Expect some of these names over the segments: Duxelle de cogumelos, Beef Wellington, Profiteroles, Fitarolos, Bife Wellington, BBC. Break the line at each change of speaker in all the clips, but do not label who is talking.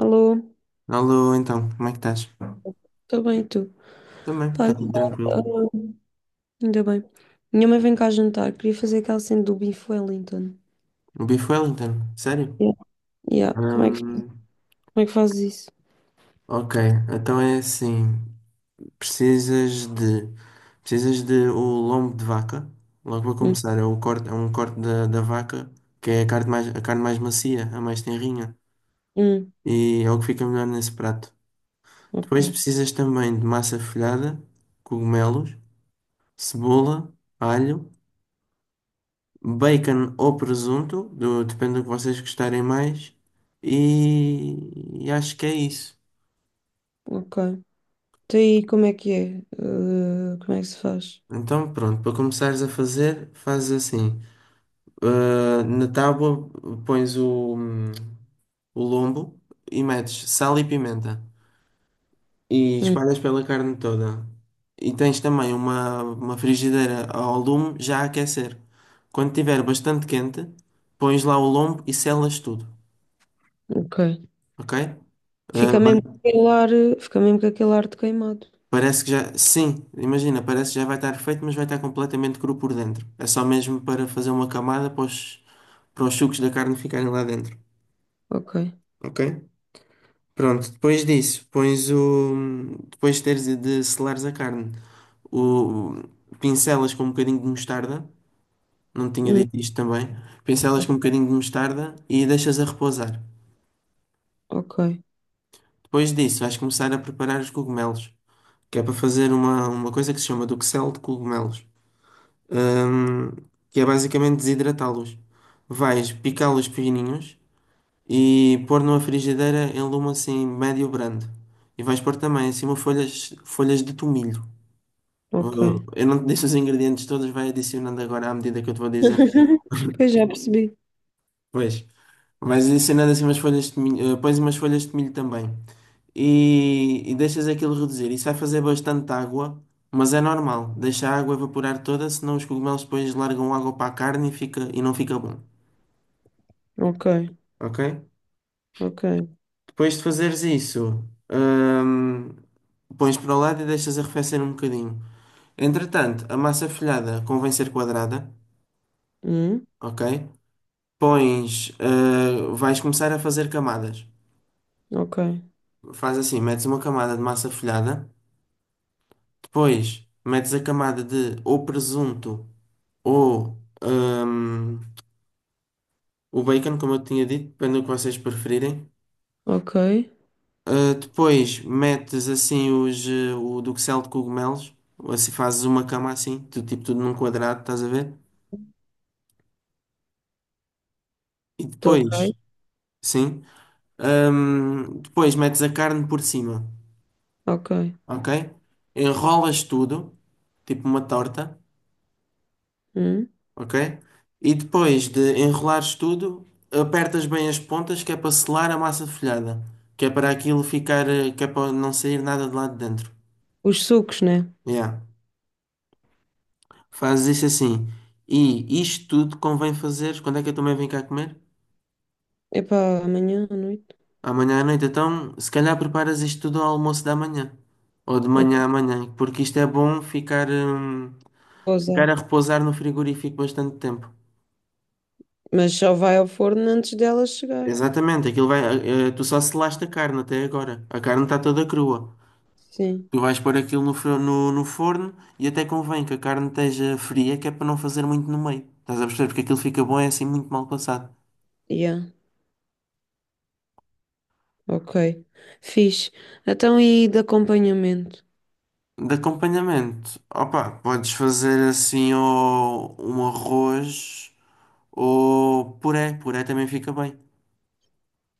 Alô,
Alô, então, como é que estás?
estou bem, e tu?
Também,
Pá,
está tudo
olha,
tranquilo.
alô, ainda bem. Minha mãe vem cá jantar, queria fazer aquela cena do Beef Wellington.
O Bife Wellington, sério?
Yeah. Yeah. Como
Hum,
é que fazes isso?
ok, então é assim, precisas de, precisas de o lombo de vaca, logo para
Hum,
começar, é, o corte, é um corte da vaca, que é a carne mais macia, a mais tenrinha,
hum,
e é o que fica melhor nesse prato.
ok,
Depois precisas também de massa folhada, cogumelos, cebola, alho, bacon ou presunto, depende do que vocês gostarem mais. E acho que é isso.
ok. Então aí, como é que é? Como é que se faz?
Então, pronto, para começares a fazer, fazes assim: na tábua pões o, o lombo e metes sal e pimenta e
Hum,
espalhas pela carne toda. E tens também uma frigideira ao lume já a aquecer. Quando estiver bastante quente, pões lá o lombo e selas tudo,
ok.
ok? Ah,
Fica mesmo com aquele ar, fica mesmo com aquele ar de queimado.
parece que já. Sim, imagina, parece que já vai estar feito, mas vai estar completamente cru por dentro. É só mesmo para fazer uma camada para para os sucos da carne ficarem lá dentro.
Ok.
Ok? Pronto, depois disso, pões o. Depois de teres de selares a carne, o... pincelas com um bocadinho de mostarda. Não tinha
Hum,
dito isto também. Pincelas com um bocadinho de mostarda e deixas a repousar.
ok,
Depois disso, vais começar a preparar os cogumelos, que é para fazer uma coisa que se chama duxelle de cogumelos. hum, que é basicamente desidratá-los. Vais picá-los pequenininhos e pôr numa frigideira em lume assim médio brando. E vais pôr também em cima folhas de tomilho.
ok.
Eu não te disse os ingredientes todos, vai adicionando agora à medida que eu te vou dizendo.
Pois já percebi.
Pois, vais adicionando assim umas folhas de tomilho, pões umas folhas de tomilho também. E deixas aquilo reduzir. Isso vai fazer bastante água, mas é normal. Deixa a água evaporar toda, senão os cogumelos depois largam água para a carne e e não fica bom.
Ok,
Ok?
ok.
Depois de fazeres isso, hum, pões para o lado e deixas arrefecer um bocadinho. Entretanto, a massa folhada convém ser quadrada,
Hum,
ok? Vais começar a fazer camadas.
ok,
Faz assim, metes uma camada de massa folhada, depois metes a camada de ou presunto ou hum, o bacon, como eu tinha dito, depende do que vocês preferirem.
ok.
Depois metes assim o Duxelle de cogumelos, assim fazes uma cama assim, do tipo tudo num quadrado, estás a ver? E
Estou ok,
depois, sim, depois metes a carne por cima,
ok.
ok? Enrolas tudo, tipo uma torta,
Hum?
ok? E depois de enrolares tudo, apertas bem as pontas que é para selar a massa folhada, que é para aquilo que é para não sair nada de lá de dentro.
Os sucos, né?
Yeah. Fazes isso assim. E isto tudo convém fazeres. Quando é que eu também venho cá comer?
Epá, amanhã à noite.
Amanhã à noite. Então, se calhar preparas isto tudo ao almoço da manhã. Ou de
Ok,
manhã à manhã. Porque isto é bom ficar,
vou usar.
ficar a repousar no frigorífico bastante tempo.
Mas só vai ao forno antes dela chegar.
Exatamente. Aquilo vai, tu só selaste a carne até agora. A carne está toda crua.
Sim.
Tu vais pôr aquilo no forno e até convém que a carne esteja fria, que é para não fazer muito no meio. Estás a perceber? Porque aquilo fica bom, é assim muito mal passado.
Yeah. Ok. Fixe. Então e de acompanhamento?
De acompanhamento, opa, podes fazer assim ou um arroz ou puré também fica bem.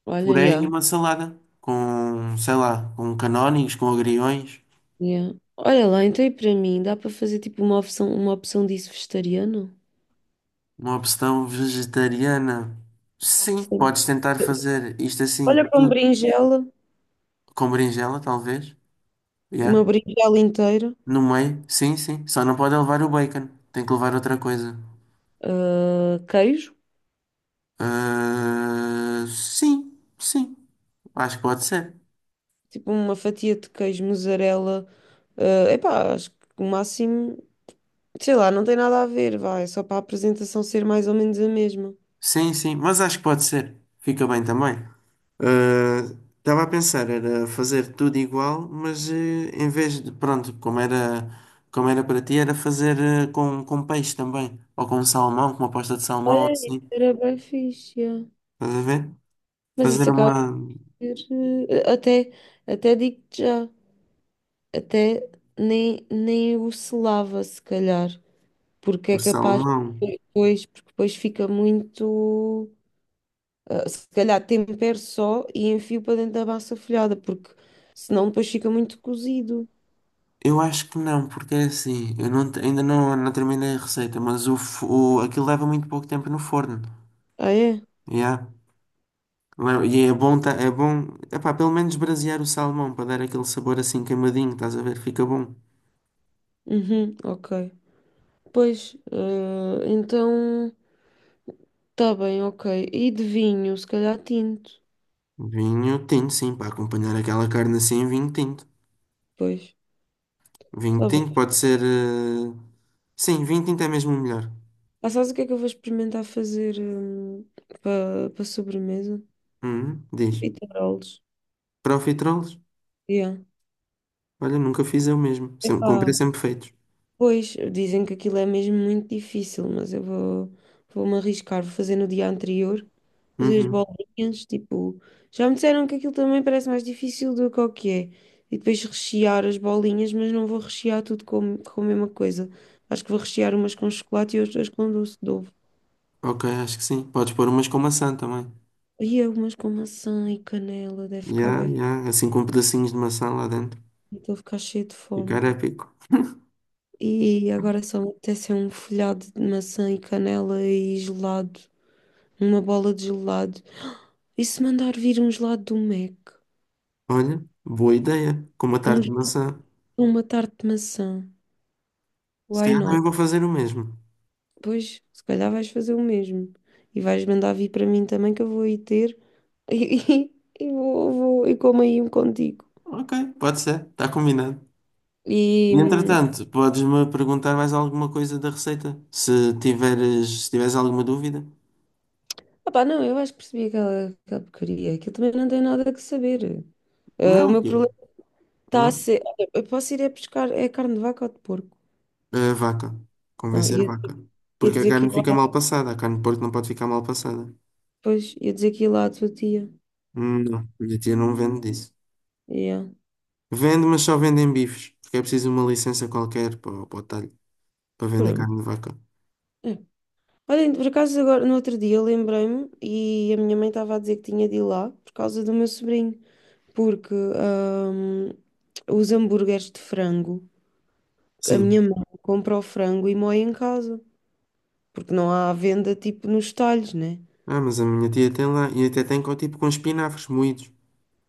Olha,
Puré e
yeah.
uma salada com, sei lá, com canónigos, com agriões,
Yeah. Olha lá, então e para mim, dá para fazer tipo uma opção disso vegetariano?
uma opção vegetariana. Sim,
Sim.
podes tentar fazer isto assim
Olha para
tudo com berinjela, talvez, yeah.
uma berinjela inteira,
No meio, sim, sim. Só não pode levar o bacon, tem que levar outra coisa.
ah, queijo,
Ah, sim, sim, acho que pode ser.
tipo uma fatia de queijo, mussarela, ah, epá, acho que o máximo. Sei lá, não tem nada a ver, vai. Só para a apresentação ser mais ou menos a mesma.
Sim, sim, mas acho que pode ser. Fica bem também. Ah, estava a pensar, era fazer tudo igual, mas em vez de, pronto, como era para ti, era fazer com peixe também, ou com salmão, com uma pasta de salmão,
Olha, isso
assim,
era bem fixe. Yeah.
estás a ver?
Mas
Fazer
isso
uma
acaba por ser. Até, até digo-te já. Até nem, nem o selava, se calhar. Porque é
por
capaz.
salmão.
Depois, porque depois fica muito. Ah, se calhar tempero só e enfio para dentro da massa folhada. Porque senão depois fica muito cozido.
Eu acho que não, porque é assim, eu não, te- ainda não terminei a receita, mas o, aquilo leva muito pouco tempo no forno,
Ah, é?
já? Não é? E é é bom, epá, pelo menos brasear o salmão para dar aquele sabor assim queimadinho, estás a ver? Fica bom.
Uhum, ok. Pois, ah, então. Tá bem, ok. E de vinho, se calhar tinto.
Vinho tinto, sim, para acompanhar aquela carne assim, vinho tinto.
Pois,
Vinho
tá
tinto
bem.
pode ser. eh, Sim, vinho tinto é mesmo o melhor.
Ah, sabes o que é que eu vou experimentar fazer para para sobremesa?
Uhum, diz.
Fitarolos.
Profiteroles?
Yeah.
Olha, nunca fiz eu mesmo. Sempre, comprei
Epá,
sempre feitos.
pois, dizem que aquilo é mesmo muito difícil, mas eu vou, vou-me arriscar. Vou fazer no dia anterior, fazer as
Uhum.
bolinhas, tipo... Já me disseram que aquilo também parece mais difícil do que o que é. E depois rechear as bolinhas, mas não vou rechear tudo com a mesma coisa. Acho que vou rechear umas com chocolate e outras com doce de ovo.
Ok, acho que sim. Podes pôr umas com maçã também.
E algumas com maçã e canela, deve
Ya,
ficar bem.
ya, assim com pedacinhos de maçã lá dentro.
Estou a ficar cheio de
Ficar
fome.
épico.
E agora só me apetece é um folhado de maçã e canela e gelado. Uma bola de gelado. E se mandar vir um gelado do Mac?
Olha, boa ideia. Com uma tarte
Um-
de maçã.
uma tarte de maçã.
Se
Why
calhar também
not?
vou fazer o mesmo.
Pois, se calhar vais fazer o mesmo. E vais mandar vir para mim também, que eu vou aí ter. E, e, vou, vou e como aí um contigo.
Ok, pode ser, está combinado.
E.
E, entretanto, podes-me perguntar mais alguma coisa da receita? Se se tiveres alguma dúvida?
Opá, não, eu acho que percebi aquela, aquela porcaria. Aquilo também não tem nada que saber. Ah, o
Não,
meu problema está a
não.
ser. Olha, eu posso ir a pescar é carne de vaca ou de porco?
É a vaca.
Ah,
Convencer a
ia,
vaca.
ia
Porque a
dizer que
carne
ia
fica
lá
mal passada. A carne de porco não pode ficar mal passada.
depois, ia dizer que ia lá à tua tia.
Não, minha tia não vende disso.
Yeah.
Vende, mas só vende em bifes. Porque é preciso uma licença qualquer para o talho, para vender
Pronto.
carne de vaca.
É. Olha, por acaso agora, no outro dia, lembrei-me e a minha mãe estava a dizer que tinha de ir lá por causa do meu sobrinho, porque os hambúrgueres de frango, a minha
Sim.
mãe compra o frango e moe em casa, porque não há à venda tipo nos talhos, né?
Ah, mas a minha tia tem lá e até tem com, tipo com espinafres moídos.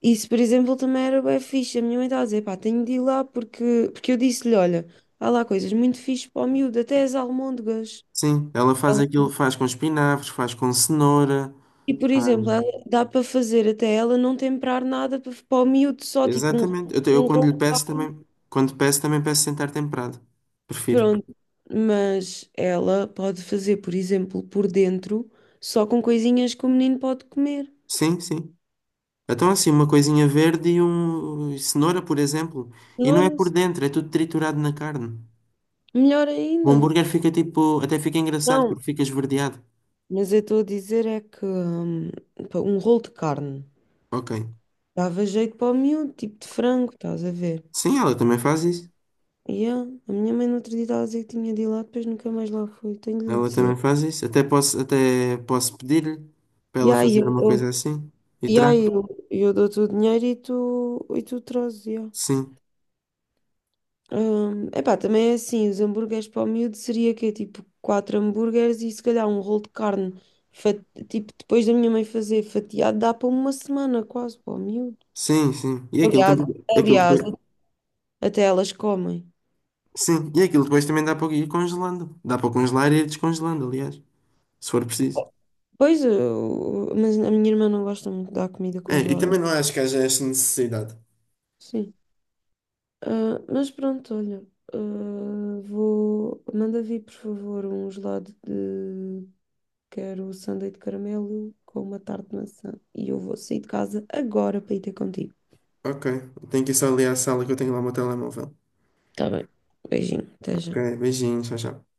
Isso, por exemplo, também era bem fixe. A minha mãe estava a dizer, pá, tenho de ir lá porque, porque eu disse-lhe, olha, há lá coisas muito fixe para o miúdo, até as almôndegas.
Sim, ela faz
Ela-
aquilo, faz com espinafres, faz com cenoura,
E, por
faz...
exemplo, ela- dá para fazer até ela não temperar nada para, para o miúdo, só tipo um,
Exatamente. Eu
um
quando lhe
rolo.
peço também, quando peço também peço sem estar temperado. Prefiro.
Pronto. Mas ela pode fazer, por exemplo, por dentro, só com coisinhas que o menino pode comer.
Sim, sim. Então assim, uma coisinha verde e um e cenoura, por exemplo, e não é
Cenouras.
por dentro, é tudo triturado na carne.
Melhor
O
ainda.
hambúrguer fica tipo, até fica engraçado
Não,
porque fica esverdeado.
mas eu estou a dizer é que pá, um rolo de carne.
Ok.
Dava jeito para o miúdo, tipo de frango, estás a ver?
Sim, ela também faz isso.
E ah, a minha mãe no outro dia estava a dizer que tinha de ir lá, depois nunca mais lá fui, tenho de lhe
Ela também
dizer.
faz isso. Até posso pedir-lhe para ela
Yeah, e aí
fazer uma coisa
eu-
assim e
yeah, e aí
trago.
eu dou-te o dinheiro e tu trazes, yeah.
Sim.
Epá, também é assim, os hambúrgueres para o miúdo seria que tipo 4 hambúrgueres e se calhar um rolo de carne, fa- tipo depois da minha mãe fazer fatiado, dá para uma semana quase para o miúdo.
Sim, sim. E aquilo
Aliás,
também. Aquilo
aliás,
depois,
até elas comem.
sim, e aquilo depois também dá para ir congelando. Dá para congelar e ir descongelando, aliás, se for preciso.
Pois, eu- mas a minha irmã não gosta muito da comida
É, e
congelada.
também não acho que haja esta necessidade.
Sim. Ah, mas pronto, olha. Ah, vou. Manda vir, por favor, um gelado de. Quero sundae de caramelo com uma tarte de maçã. E eu vou sair de casa agora para ir ter contigo.
Ok, tenho que ir só ali à sala que eu tenho lá o meu telemóvel.
Tá bem. Beijinho, até
Ok,
já.
beijinhos, tchau, tchau.